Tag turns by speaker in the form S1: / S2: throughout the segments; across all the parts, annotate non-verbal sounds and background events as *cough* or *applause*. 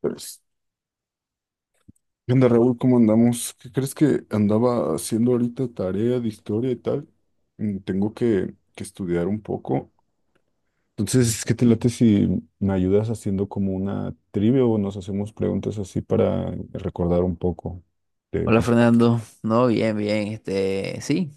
S1: Pues, ¿qué onda, Raúl? ¿Cómo andamos? ¿Qué crees que andaba haciendo ahorita tarea de historia y tal? Tengo que estudiar un poco. Entonces, ¿qué te late si me ayudas haciendo como una trivia o nos hacemos preguntas así para recordar un poco de,
S2: Hola
S1: de-
S2: Fernando, no, bien, bien, sí,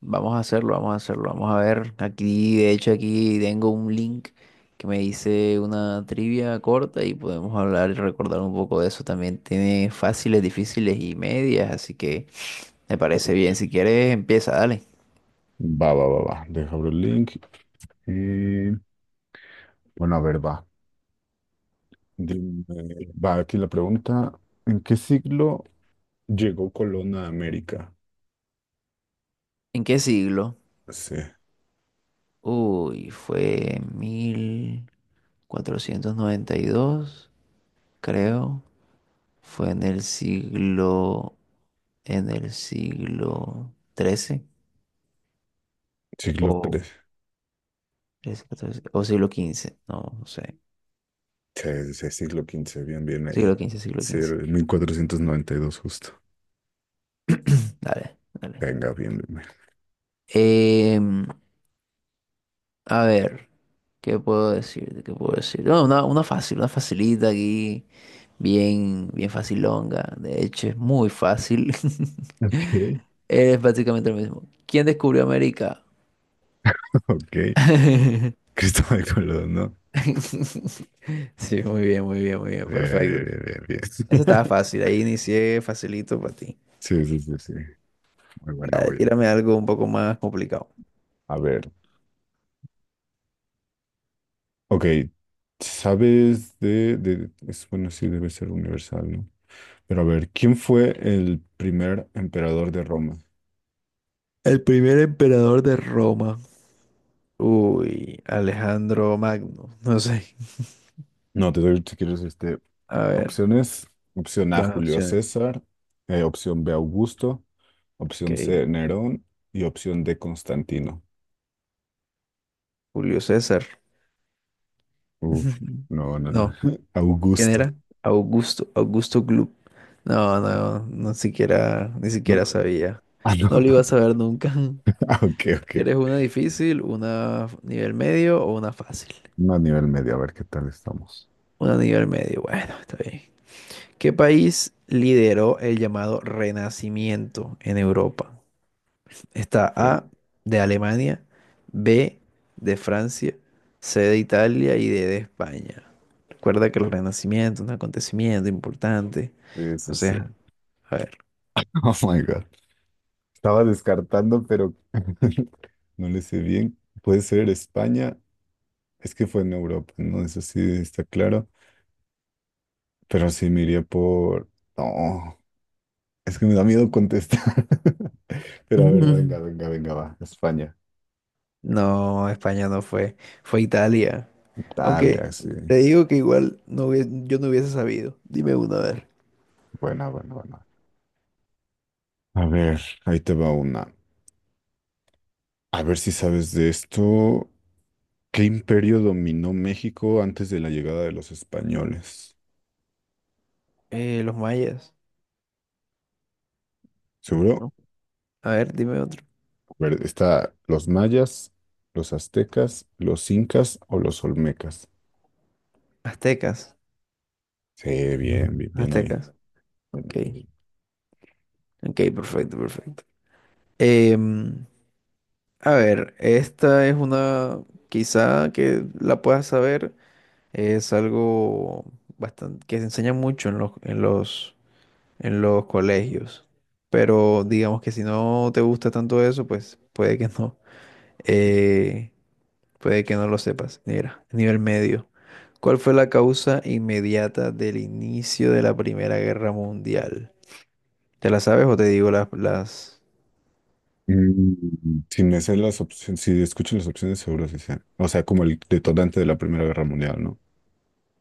S2: vamos a hacerlo, vamos a hacerlo, vamos a ver, aquí, de hecho aquí tengo un link que me dice una trivia corta y podemos hablar y recordar un poco de eso, también tiene fáciles, difíciles y medias, así que me parece bien, si quieres empieza, dale.
S1: Va, va, va, va. Deja abrir el link. Y, bueno, a ver, va. Dime, va aquí la pregunta. ¿En qué siglo llegó Colón a América?
S2: ¿En qué siglo?
S1: Sí,
S2: Uy, fue 1492, creo, fue en el siglo, en el siglo 13.
S1: siglo
S2: O
S1: tres.
S2: 13, 14, o siglo quince, no, no sé.
S1: Sí, sí, sí, siglo quince, bien, bien
S2: Siglo
S1: ahí.
S2: quince, siglo
S1: Sí, era
S2: quince.
S1: el 1492 justo.
S2: Dale, dale.
S1: Venga, bien, bien, bien.
S2: Em, a ver, ¿qué puedo decir? ¿Qué puedo decir? No, una fácil, una facilita aquí, bien, bien facilonga. De hecho, es muy fácil. *laughs*
S1: Ok. *laughs*
S2: Es prácticamente lo mismo. ¿Quién descubrió América?
S1: Ok,
S2: *laughs*
S1: Cristóbal Colón, ¿no?
S2: Sí, muy bien, muy bien, muy bien,
S1: Bien, bien,
S2: perfecto.
S1: bien, bien, bien.
S2: Eso estaba
S1: *laughs*
S2: fácil, ahí inicié facilito para ti.
S1: Sí, sí, sí, sí. Muy buena,
S2: Dale,
S1: voy.
S2: tírame algo un poco más complicado.
S1: A ver, ok. Es, bueno, sí, debe ser universal, ¿no? Pero a ver, ¿quién fue el primer emperador de Roma?
S2: El primer emperador de Roma. Uy, Alejandro Magno. *laughs* No sé.
S1: No, te doy, si quieres,
S2: A ver,
S1: opciones. Opción A,
S2: dame
S1: Julio
S2: opciones.
S1: César. Opción B, Augusto.
S2: Ok,
S1: Opción C, Nerón. Y opción D, Constantino.
S2: Julio César.
S1: Uf,
S2: *laughs*
S1: no, no, no.
S2: No,
S1: *laughs*
S2: ¿quién
S1: Augusto.
S2: era? Augusto, Augusto Gloop. No,
S1: Sí.
S2: no, no siquiera, ni
S1: No,
S2: siquiera sabía.
S1: ah,
S2: No
S1: no.
S2: lo iba a
S1: *laughs*
S2: saber nunca.
S1: Ah, ok,
S2: *laughs*
S1: ok.
S2: ¿Quieres una difícil, nivel medio o una fácil?
S1: No a nivel medio, a ver qué tal estamos.
S2: Una nivel medio, bueno, está bien. ¿Qué país lideró el llamado Renacimiento en Europa? Está
S1: Sí.
S2: A de Alemania, B de Francia, C de Italia y D de España. Recuerda que el Renacimiento es un acontecimiento importante.
S1: Sí, sí, sí.
S2: Entonces, a ver.
S1: Oh my God. Estaba descartando, pero *laughs* no le sé bien. Puede ser España. Es que fue en Europa, ¿no? Eso sí está claro. Pero sí me iría por. No. Es que me da miedo contestar. *laughs* Pero a ver,
S2: Ujú.
S1: venga, venga, venga, va. España.
S2: No, España no fue, fue Italia. Aunque
S1: Italia, sí.
S2: te digo que igual yo no hubiese sabido. Dime uno, a ver.
S1: Buena, buena, buena. A ver, ahí te va una. A ver si sabes de esto. ¿Qué imperio dominó México antes de la llegada de los españoles?
S2: Los mayas,
S1: ¿Seguro?
S2: ¿no? A ver, dime otro.
S1: A ver, está los mayas, los aztecas, los incas o los olmecas.
S2: Aztecas,
S1: Sí, bien, bien, bien ahí.
S2: aztecas.
S1: Bien
S2: Ok,
S1: ahí, bien.
S2: ok, perfecto, perfecto. Em, A ver, esta es una quizá que la puedas saber, es algo bastante que se enseña mucho en los en los colegios, pero digamos que si no te gusta tanto eso, pues puede que no, eh, puede que no lo sepas. Mira, nivel medio. ¿Cuál fue la causa inmediata del inicio de la Primera Guerra Mundial? ¿Te la sabes o te digo las?
S1: Si me sé las opciones, si escucho las opciones, seguro sí sé. O sea, como el detonante de la Primera Guerra Mundial, ¿no?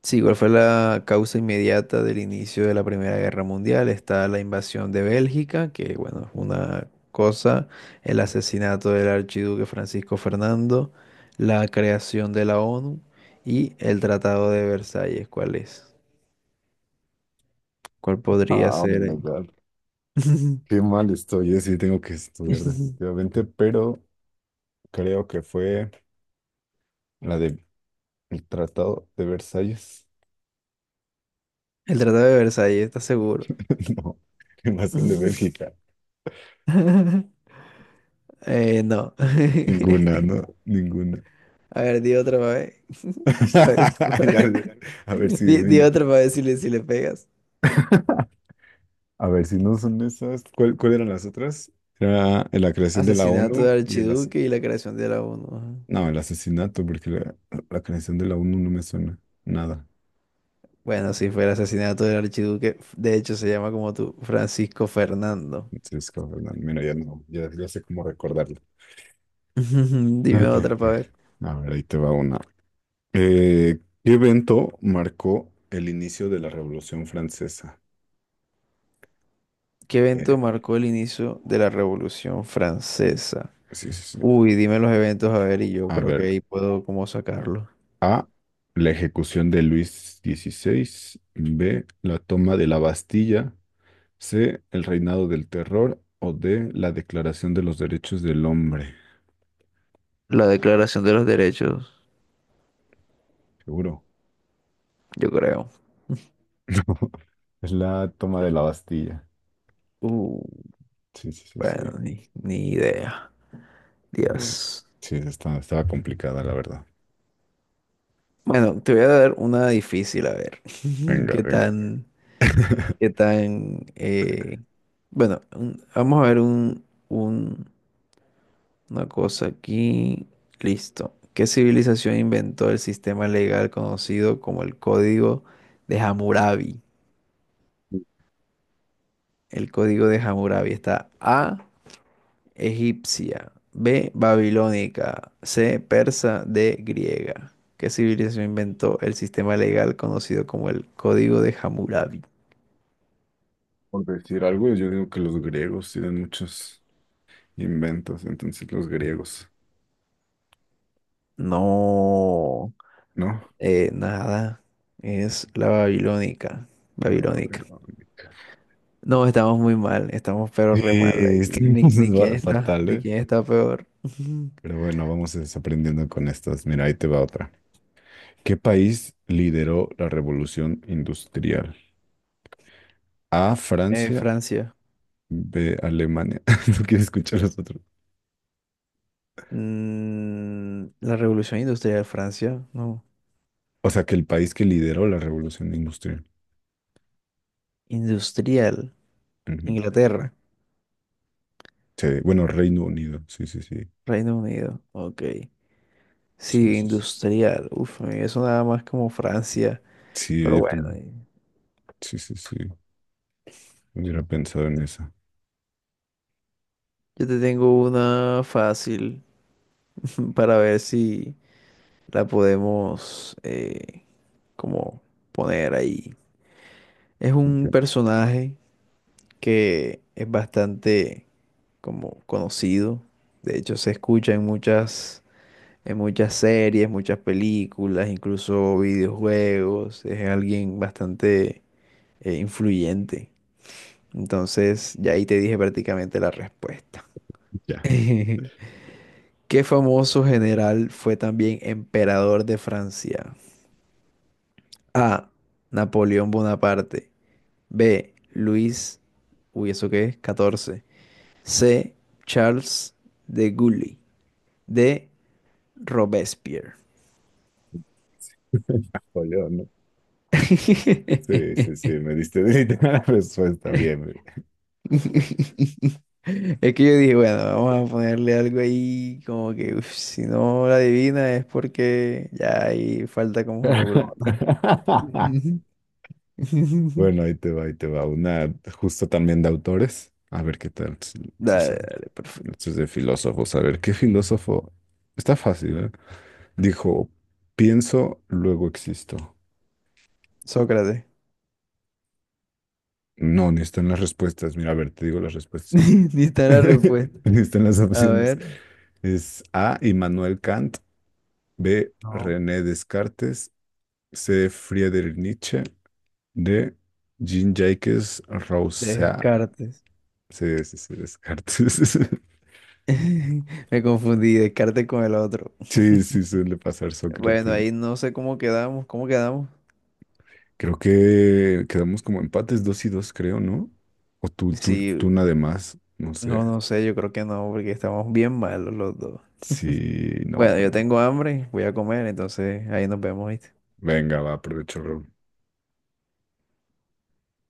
S2: Sí, ¿cuál fue la causa inmediata del inicio de la Primera Guerra Mundial? Está la invasión de Bélgica, que bueno, es una cosa, el asesinato del archiduque Francisco Fernando, la creación de la ONU y el Tratado de Versalles. ¿Cuál es? ¿Cuál podría
S1: Ah, oh
S2: ser
S1: my
S2: ahí?
S1: God. Qué mal estoy, sí, tengo que estudiar
S2: *laughs*
S1: definitivamente, pero creo que fue la del Tratado de Versalles.
S2: El Tratado de Versalles, ¿estás seguro?
S1: *laughs* No, ¿qué más son de Bélgica?
S2: *laughs* No. *laughs*
S1: Ninguna, ¿no? Ninguna.
S2: A ver, di otra vez.
S1: *laughs* Ya
S2: *laughs*
S1: sé. A ver si
S2: Di
S1: viene.
S2: otra para ver si le pegas.
S1: A ver si no son esas. ¿Cuál eran las otras? Era la creación de la
S2: Asesinato
S1: ONU
S2: del
S1: y
S2: Archiduque y la creación de la ONU, ajá.
S1: no, el asesinato, porque la creación de la ONU no me suena nada.
S2: Bueno, si fue el asesinato del Archiduque. De hecho, se llama como tú, Francisco Fernando.
S1: Entonces, como, no, mira, ya no, ya, ya sé cómo recordarlo.
S2: *laughs* Dime
S1: Ok,
S2: otra
S1: ok.
S2: para ver.
S1: A ver, ahí te va una. Eh, ¿Qué evento marcó el inicio de la Revolución Francesa?
S2: ¿Qué evento
S1: Eh,
S2: marcó el inicio de la Revolución Francesa?
S1: pues sí, sí, sí.
S2: Uy, dime los eventos a ver y yo
S1: A
S2: creo que
S1: ver,
S2: ahí puedo como sacarlo.
S1: A, la ejecución de Luis XVI, B, la toma de la Bastilla, C, el reinado del terror o D, la declaración de los derechos del hombre.
S2: La Declaración de los Derechos,
S1: Seguro.
S2: yo creo.
S1: *laughs* Es la toma de la Bastilla.
S2: Uh,
S1: Sí, sí, sí,
S2: bueno,
S1: sí.
S2: ni idea.
S1: Bien.
S2: Dios.
S1: Sí, estaba complicada, la verdad.
S2: Bueno, te voy a dar una difícil, a ver. *laughs*
S1: Venga,
S2: ¿Qué
S1: venga.
S2: tan,
S1: *laughs*
S2: qué tan... bueno, vamos a ver un- una cosa aquí. Listo. ¿Qué civilización inventó el sistema legal conocido como el Código de Hammurabi? El Código de Hammurabi. Está A, egipcia, B, babilónica, C, persa, D, griega. ¿Qué civilización inventó el sistema legal conocido como el Código de Hammurabi?
S1: Por decir algo, yo digo que los griegos tienen muchos. Inventos, entonces los griegos,
S2: No.
S1: ¿no?
S2: Nada, es la babilónica,
S1: No,
S2: babilónica.
S1: babilónica.
S2: No, estamos muy mal, estamos pero re mal ahí.
S1: Estamos
S2: Ni quién
S1: *laughs*
S2: está,
S1: fatal,
S2: ni
S1: ¿eh?
S2: quién está peor. *laughs*
S1: Pero bueno, vamos desaprendiendo con estas. Mira, ahí te va otra. ¿Qué país lideró la revolución industrial? A, Francia,
S2: Francia.
S1: B, Alemania. *laughs* No quiero escuchar los otros.
S2: Mm, la revolución industrial, Francia, no.
S1: O sea, que el país que lideró la revolución industrial.
S2: Industrial,
S1: Ujú.
S2: Inglaterra,
S1: Sí, bueno, Reino Unido. Sí, sí, sí.
S2: Reino Unido, ok.
S1: Sí,
S2: Sí,
S1: sí, sí.
S2: industrial, uf, eso nada más como Francia,
S1: Sí,
S2: pero
S1: yo
S2: bueno,
S1: también. Sí, sí, sí. Hubiera pensado en esa.
S2: yo te tengo una fácil *laughs* para ver si la podemos, como poner ahí. Es un
S1: Ok,
S2: personaje que es bastante como conocido. De hecho, se escucha en muchas series, muchas películas, incluso videojuegos. Es alguien bastante, influyente. Entonces, ya ahí te dije prácticamente la respuesta. *laughs*
S1: ya.
S2: ¿Qué famoso general fue también emperador de Francia? A, Napoleón Bonaparte. B, Luis. Uy, ¿eso qué es? 14. C, Charles de Gaulle. D, Robespierre.
S1: *laughs* Napoleón, ¿no? Sí, sí, sí,
S2: *laughs*
S1: me diste *laughs* la respuesta, bien.
S2: Es que yo dije, bueno, vamos a ponerle algo ahí, como que uf, si no la adivina es porque ya ahí falta como un
S1: *laughs*
S2: neurona. Ujú.
S1: Bueno,
S2: *laughs*
S1: ahí te va, ahí te va. Una justo también de autores. A ver qué tal, si
S2: Dale,
S1: sale.
S2: dale, perfecto.
S1: Esto es de filósofos. A ver, ¿qué filósofo? Está fácil, ¿eh? Dijo, pienso, luego existo.
S2: Sócrates.
S1: No, ni están las respuestas. Mira, a ver, te digo las respuestas.
S2: *laughs* Ni está la
S1: *laughs*
S2: respuesta.
S1: Ni están las
S2: A
S1: opciones.
S2: ver.
S1: Es A, Immanuel Kant. B,
S2: No.
S1: René Descartes. C, Friedrich Nietzsche. De Jean-Jacques Rousseau.
S2: Descartes.
S1: Sí, sí, sí, Descartes. *laughs*
S2: *laughs* Me confundí, Descartes con el otro.
S1: Sí, sí, suele pasar
S2: Bueno,
S1: Sócrates.
S2: ahí no sé cómo quedamos, ¿cómo quedamos?
S1: Creo que quedamos como empates dos y dos, creo, ¿no? O tú
S2: Sí,
S1: nada más, no sé.
S2: no, no sé, yo creo que no, porque estamos bien malos los dos.
S1: Sí, no,
S2: Bueno, yo
S1: no.
S2: tengo hambre, voy a comer, entonces ahí nos vemos, ¿viste?
S1: Venga, va, aprovecho.